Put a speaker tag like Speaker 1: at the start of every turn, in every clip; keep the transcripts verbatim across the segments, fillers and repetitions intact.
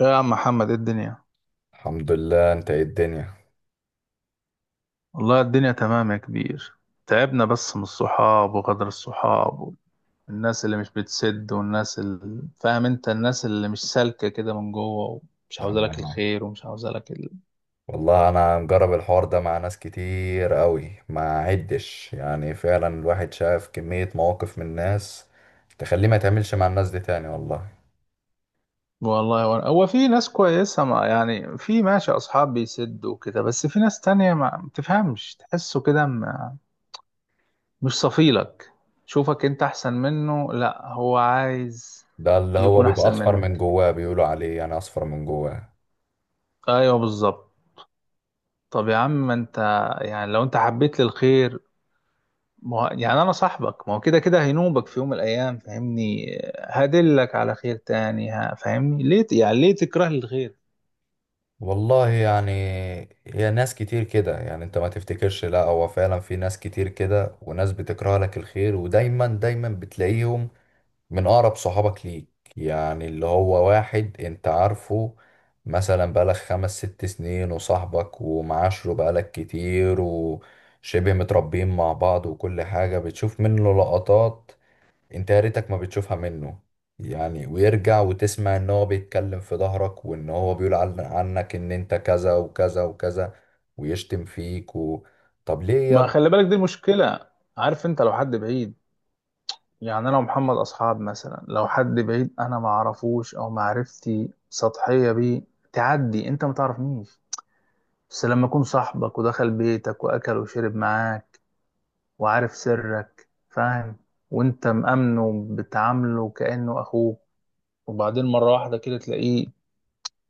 Speaker 1: يا عم محمد، ايه الدنيا؟
Speaker 2: الحمد لله، انت ايه الدنيا؟
Speaker 1: والله الدنيا تمام يا كبير. تعبنا بس من الصحاب وغدر الصحاب، والناس اللي مش بتسد، والناس اللي فاهم انت الناس اللي مش سالكة كده من جوه، ومش عاوزة لك
Speaker 2: أنا-
Speaker 1: الخير ومش عاوزة لك ال...
Speaker 2: والله انا مجرب الحوار ده مع ناس كتير قوي ما عدش، يعني فعلا الواحد شاف كمية مواقف من الناس تخليه ما يتعاملش مع الناس دي تاني والله.
Speaker 1: والله هو هو في ناس كويسة، ما يعني في ماشي اصحاب بيسدوا كده، بس في ناس تانية ما بتفهمش تحسه كده ما- مش صفيلك، شوفك انت احسن منه، لا هو عايز
Speaker 2: ده اللي هو
Speaker 1: يكون
Speaker 2: بيبقى
Speaker 1: احسن
Speaker 2: اصفر من
Speaker 1: منك.
Speaker 2: جواه، بيقولوا عليه يعني اصفر من جواه.
Speaker 1: ايوه بالظبط. طب يا عم ما انت، يعني لو انت حبيت لي الخير ما هو يعني انا صاحبك، ما هو كده كده هينوبك في يوم من الايام، فاهمني؟ هدلك على خير تاني، ها فاهمني؟ ليه ت- يعني ليه تكره لي الخير؟
Speaker 2: والله يعني هي ناس كتير كده، يعني انت ما تفتكرش، لا هو فعلا في ناس كتير كده وناس بتكره لك الخير، ودايما دايما بتلاقيهم من أقرب صحابك ليك. يعني اللي هو واحد أنت عارفه، مثلا بقالك خمس ست سنين وصاحبك ومعاشره بقالك كتير وشبه متربيين مع بعض وكل حاجة بتشوف منه لقطات أنت يا ريتك ما بتشوفها منه. يعني ويرجع وتسمع إن هو بيتكلم في ظهرك، وإن هو بيقول عن- عنك إن أنت كذا وكذا وكذا ويشتم فيك و... طب ليه يا
Speaker 1: ما
Speaker 2: ابني؟
Speaker 1: خلي بالك دي المشكلة. عارف انت لو حد بعيد، يعني انا ومحمد اصحاب، مثلا لو حد بعيد انا ما اعرفوش او معرفتي سطحية بيه، تعدي انت ما تعرفنيش. بس لما اكون صاحبك ودخل بيتك واكل وشرب معاك وعارف سرك، فاهم؟ وانت مأمنه بتعامله كأنه اخوك، وبعدين مرة واحدة كده تلاقيه،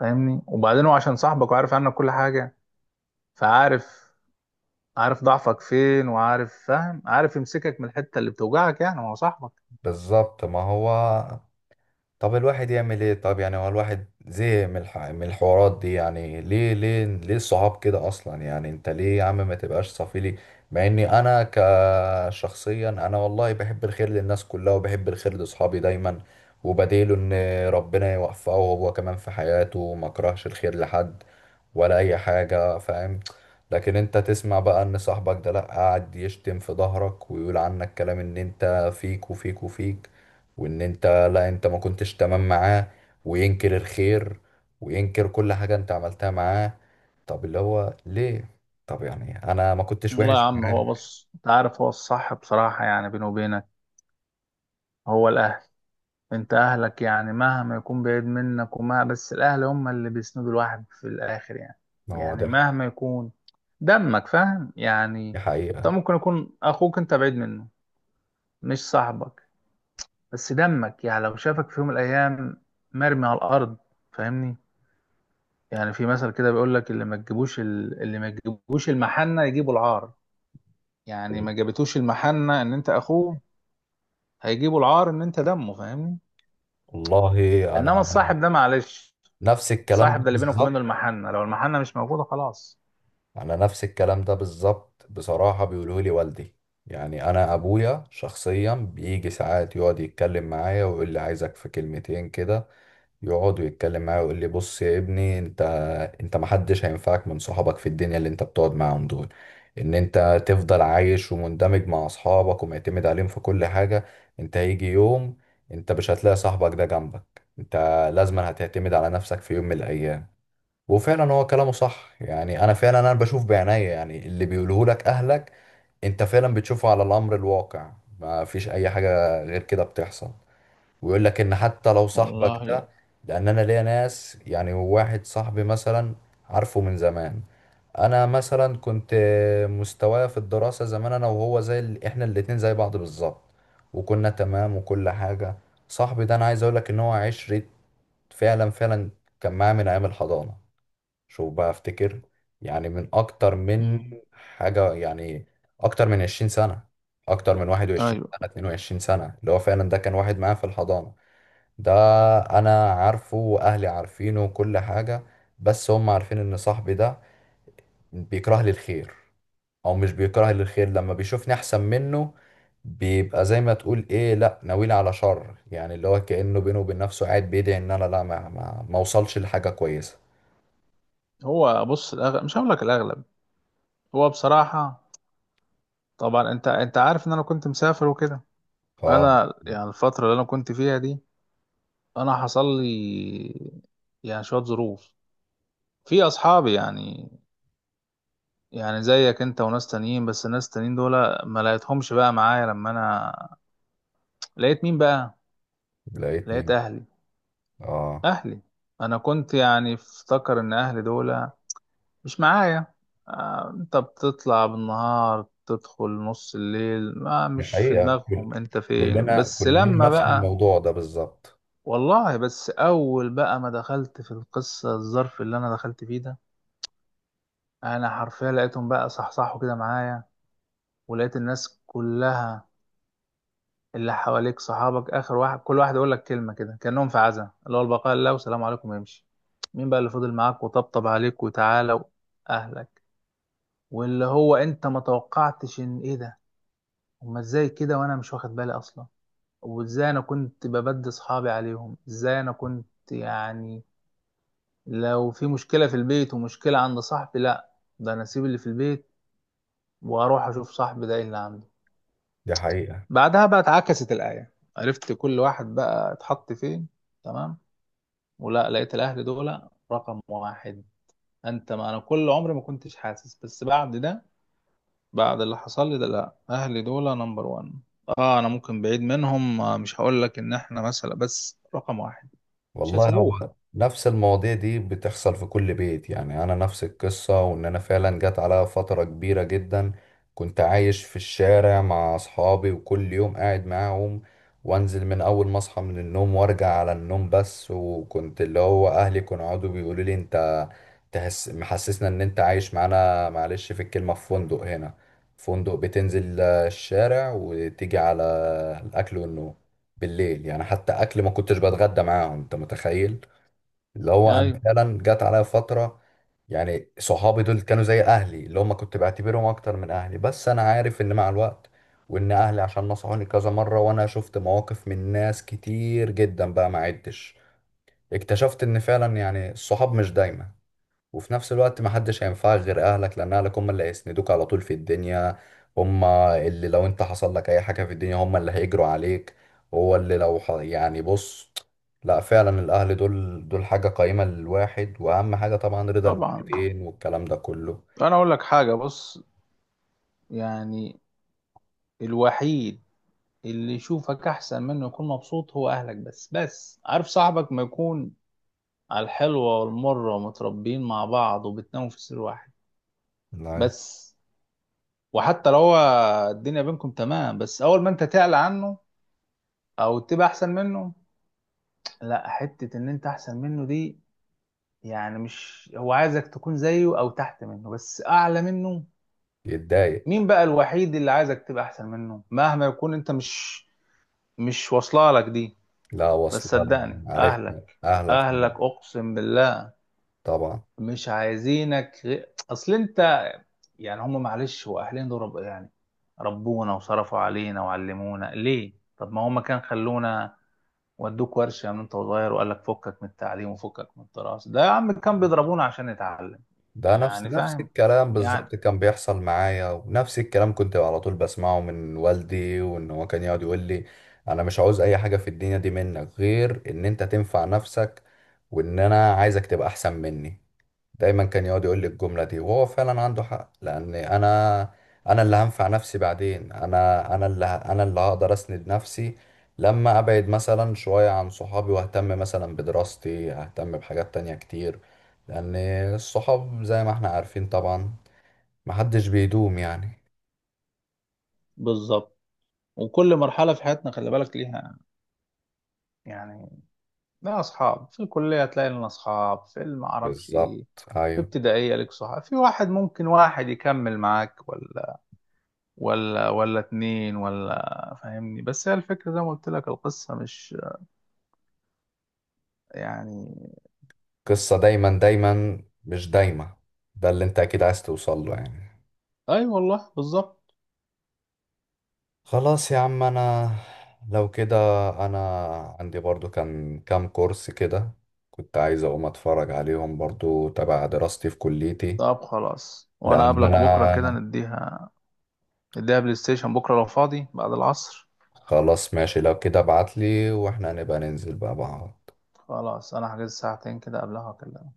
Speaker 1: فاهمني؟ وبعدين هو عشان صاحبك وعارف عنك كل حاجة، فعارف، عارف ضعفك فين، وعارف، فاهم، عارف يمسكك من الحتة اللي بتوجعك، يعني ما هو صاحبك.
Speaker 2: بالظبط ما هو. طب الواحد يعمل ايه؟ طب يعني هو الواحد زهق من الح... من الحوارات دي، يعني ليه ليه ليه الصحاب كده اصلا؟ يعني انت ليه يا عم ما تبقاش صفيلي؟ مع اني انا كشخصيا انا والله بحب الخير للناس كلها وبحب الخير لاصحابي دايما، وبديله ان ربنا يوفقه هو كمان في حياته، وما كرهش الخير لحد ولا اي حاجة فاهم. لكن انت تسمع بقى ان صاحبك ده لا قاعد يشتم في ظهرك ويقول عنك كلام ان انت فيك وفيك وفيك، وان انت، لا انت ما كنتش تمام معاه، وينكر الخير وينكر كل حاجة انت عملتها معاه. طب اللي هو ليه؟ طب يعني انا ما كنتش
Speaker 1: والله يا
Speaker 2: وحش
Speaker 1: عم،
Speaker 2: معاه.
Speaker 1: هو بص، انت عارف هو الصح، بصراحة يعني بيني وبينك، هو الأهل. انت اهلك يعني مهما يكون بعيد منك وما بس، الاهل هم اللي بيسندوا الواحد في الاخر يعني.
Speaker 2: ما هو
Speaker 1: يعني
Speaker 2: ده.
Speaker 1: مهما يكون دمك، فاهم يعني؟
Speaker 2: دي
Speaker 1: طب
Speaker 2: حقيقة.
Speaker 1: ممكن يكون اخوك انت بعيد منه، مش صاحبك، بس دمك يعني لو شافك في يوم من الايام مرمي على الارض، فاهمني؟ يعني في مثل كده بيقول لك اللي ما تجيبوش ال- اللي ما تجيبوش المحنة يجيبوا العار. يعني ما جابتوش المحنة ان انت اخوه، هيجيبوا العار ان انت دمه، فاهمني؟
Speaker 2: والله انا
Speaker 1: انما الصاحب ده معلش،
Speaker 2: نفس الكلام
Speaker 1: صاحب
Speaker 2: ده
Speaker 1: ده اللي بينك وبينه
Speaker 2: بالظبط
Speaker 1: المحنة، لو المحنة مش موجودة خلاص.
Speaker 2: انا نفس الكلام ده بالظبط بصراحة بيقوله لي والدي. يعني انا ابويا شخصيا بيجي ساعات يقعد يتكلم معايا ويقول لي عايزك في كلمتين كده، يقعد ويتكلم معايا ويقول لي بص يا ابني انت، انت محدش هينفعك من صحابك في الدنيا اللي انت بتقعد معاهم دول. ان انت تفضل عايش ومندمج مع اصحابك ومعتمد عليهم في كل حاجة، انت هيجي يوم انت مش هتلاقي صاحبك ده جنبك. انت لازما هتعتمد على نفسك في يوم من الايام. وفعلا هو كلامه صح، يعني انا فعلا انا بشوف بعينيا، يعني اللي بيقوله لك اهلك انت فعلا بتشوفه على الامر الواقع، ما فيش اي حاجة غير كده بتحصل. ويقول لك ان حتى لو صاحبك
Speaker 1: والله.
Speaker 2: ده، لان انا ليا ناس، يعني واحد صاحبي مثلا عارفه من زمان. انا مثلا كنت مستوايا في الدراسة زمان انا وهو زي ال... احنا الاتنين زي بعض بالظبط، وكنا تمام وكل حاجة. صاحبي ده انا عايز اقول لك ان هو عشرة، فعلا فعلا. كان معايا من ايام الحضانة. شوف بقى افتكر، يعني من اكتر من
Speaker 1: مم.
Speaker 2: حاجة يعني، اكتر من عشرين سنة، اكتر من واحد وعشرين سنة
Speaker 1: ايوه.
Speaker 2: اتنين وعشرين سنة، اللي هو فعلا ده كان واحد معايا في الحضانة. ده انا عارفه واهلي عارفينه وكل حاجة، بس هم عارفين ان صاحبي ده بيكره لي الخير، او مش بيكره لي الخير لما بيشوفني احسن منه، بيبقى زي ما تقول ايه، لا ناويني على شر. يعني اللي هو كأنه بينه وبين نفسه قاعد بيدعي ان انا لا ما ما, ما اوصلش لحاجة كويسة.
Speaker 1: هو بص، الأغلب، مش هقول لك الأغلب، هو بصراحة. طبعا أنت أنت عارف إن أنا كنت مسافر وكده.
Speaker 2: اه.
Speaker 1: أنا يعني الفترة اللي أنا كنت فيها دي، أنا حصل لي يعني شوية ظروف في أصحابي يعني، يعني زيك أنت وناس تانيين، بس الناس التانيين دول ما لقيتهمش بقى معايا. لما أنا لقيت مين بقى؟
Speaker 2: لقيت
Speaker 1: لقيت
Speaker 2: مين؟
Speaker 1: أهلي.
Speaker 2: اه.
Speaker 1: أهلي. أنا كنت يعني افتكر إن أهلي دول مش معايا. آه، انت بتطلع بالنهار، تدخل نص الليل، ما
Speaker 2: دي
Speaker 1: مش في
Speaker 2: حقيقة. كل-
Speaker 1: دماغهم انت فين،
Speaker 2: كلنا
Speaker 1: بس
Speaker 2: كلنا
Speaker 1: لما
Speaker 2: نفس
Speaker 1: بقى
Speaker 2: الموضوع ده بالظبط.
Speaker 1: والله. بس اول بقى ما دخلت في القصة، الظرف اللي انا دخلت فيه ده، انا حرفيا لقيتهم بقى صحصحوا كده معايا، ولقيت الناس كلها اللي حواليك صحابك اخر واحد، كل واحد يقول لك كلمة كده كأنهم في عزا، اللي هو البقاء لله والسلام عليكم، يمشي. مين بقى اللي فضل معاك وطبطب عليك وتعالى؟ اهلك. واللي هو انت ما توقعتش ان ايه ده، هما ازاي كده وانا مش واخد بالي اصلا، وازاي انا كنت ببدي اصحابي عليهم، ازاي انا كنت يعني لو في مشكلة في البيت ومشكلة عند صاحبي، لا ده انا اسيب اللي في البيت واروح اشوف صاحبي ده إيه اللي عنده.
Speaker 2: دي حقيقة.
Speaker 1: بعدها بقى اتعكست الآية، عرفت كل واحد بقى اتحط فين، تمام. ولا لقيت الاهل دول رقم واحد. انت ما انا كل عمري ما كنتش حاسس، بس بعد ده، بعد اللي حصل لي ده، لا اهلي دول نمبر وان. اه انا ممكن بعيد منهم، آه، مش هقول لك ان احنا مثلا، بس رقم واحد. مش
Speaker 2: والله
Speaker 1: هيسيبوك.
Speaker 2: هو نفس المواضيع دي بتحصل في كل بيت، يعني انا نفس القصة، وان انا فعلا جت عليا فترة كبيرة جدا كنت عايش في الشارع مع اصحابي وكل يوم قاعد معاهم، وانزل من اول ما اصحى من النوم وارجع على النوم بس، وكنت اللي هو اهلي كانوا يقعدوا بيقولوا لي انت تحس محسسنا ان انت عايش معانا، معلش في الكلمة، في فندق هنا، فندق بتنزل آه، الشارع وتيجي على الاكل والنوم بالليل، يعني حتى اكل ما كنتش بتغدى معاهم انت متخيل. اللي هو انا
Speaker 1: ايوه
Speaker 2: فعلا جت عليا فترة، يعني صحابي دول كانوا زي اهلي اللي هم كنت بعتبرهم اكتر من اهلي، بس انا عارف ان مع الوقت، وان اهلي عشان نصحوني كذا مرة وانا شفت مواقف من ناس كتير جدا بقى ما عدتش، اكتشفت ان فعلا يعني الصحاب مش دايما، وفي نفس الوقت ما حدش هينفعك غير اهلك، لان اهلك هم اللي هيسندوك على طول في الدنيا، هم اللي لو انت حصل لك اي حاجة في الدنيا هم اللي هيجروا عليك، هو اللي لو ح... يعني بص، لا فعلا الاهل دول دول حاجة قيمة للواحد، واهم حاجة طبعا رضا
Speaker 1: طبعا.
Speaker 2: الوالدين والكلام ده كله.
Speaker 1: انا اقول لك حاجه، بص يعني الوحيد اللي يشوفك احسن منه يكون مبسوط هو اهلك، بس بس عارف صاحبك ما يكون على الحلوه والمره ومتربيين مع بعض وبتناموا في سرير واحد
Speaker 2: لا،
Speaker 1: بس، وحتى لو هو الدنيا بينكم تمام، بس اول ما انت تعلى عنه او تبقى احسن منه، لا حتة ان انت احسن منه دي، يعني مش هو عايزك تكون زيه او تحت منه، بس اعلى منه.
Speaker 2: يتضايق.
Speaker 1: مين بقى الوحيد اللي عايزك تبقى احسن منه مهما يكون انت؟ مش مش واصله لك دي،
Speaker 2: لا،
Speaker 1: بس
Speaker 2: واصلة.
Speaker 1: صدقني
Speaker 2: عارف.
Speaker 1: اهلك.
Speaker 2: اهلك
Speaker 1: اهلك
Speaker 2: طبعا.
Speaker 1: اقسم بالله
Speaker 2: طبعا.
Speaker 1: مش عايزينك غير اصل انت. يعني هم معلش هو اهلنا دول رب يعني، ربونا وصرفوا علينا وعلمونا. ليه؟ طب ما هم كان خلونا ودوك ورشة من انت وصغير وقال لك فكك من التعليم وفكك من الدراسة، ده يا عم كان بيضربونا عشان نتعلم.
Speaker 2: ده نفس
Speaker 1: يعني
Speaker 2: نفس
Speaker 1: فاهم
Speaker 2: الكلام بالظبط
Speaker 1: يعني.
Speaker 2: كان بيحصل معايا، ونفس الكلام كنت على طول بسمعه من والدي، وان هو كان يقعد يقول لي انا مش عاوز اي حاجة في الدنيا دي منك غير ان انت تنفع نفسك، وان انا عايزك تبقى احسن مني. دايما كان يقعد يقول لي الجملة دي، وهو فعلا عنده حق، لأن أنا أنا اللي هنفع نفسي بعدين، أنا أنا اللي ه- أنا اللي هقدر أسند نفسي لما أبعد مثلا شوية عن صحابي وأهتم مثلا بدراستي، أهتم بحاجات تانية كتير، لأن الصحاب زي ما احنا عارفين طبعا محدش بيدوم يعني.
Speaker 1: بالظبط. وكل مرحلة في حياتنا خلي بالك ليها. يعني ليها أصحاب في الكلية، تلاقي لنا أصحاب في المعرفش
Speaker 2: بالظبط.
Speaker 1: إيه، في
Speaker 2: أيوه.
Speaker 1: ابتدائية لك صحاب، في واحد ممكن واحد يكمل معاك، ولا ولا ولا اتنين، ولا فاهمني. بس هي الفكرة زي ما قلت لك، القصة مش يعني.
Speaker 2: قصة دايما دايما مش دايما، ده اللي أنت أكيد عايز توصل له يعني.
Speaker 1: أي والله بالظبط.
Speaker 2: خلاص يا عم. انا لو كده، انا عندي برضو كان كام كورس كده كنت عايز اقوم اتفرج عليهم برضو تبع دراستي في كليتي،
Speaker 1: طب خلاص وأنا
Speaker 2: لان
Speaker 1: أقابلك بكرة كده
Speaker 2: انا،
Speaker 1: نديها، اديها بلاي ستيشن بكرة لو فاضي بعد العصر.
Speaker 2: خلاص ماشي لو كده ابعتلي واحنا هنبقى ننزل بقى بعض.
Speaker 1: خلاص أنا هحجز ساعتين كده قبلها وأكلمك.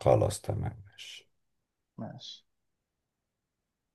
Speaker 2: خلاص تمام ماشي.
Speaker 1: ماشي.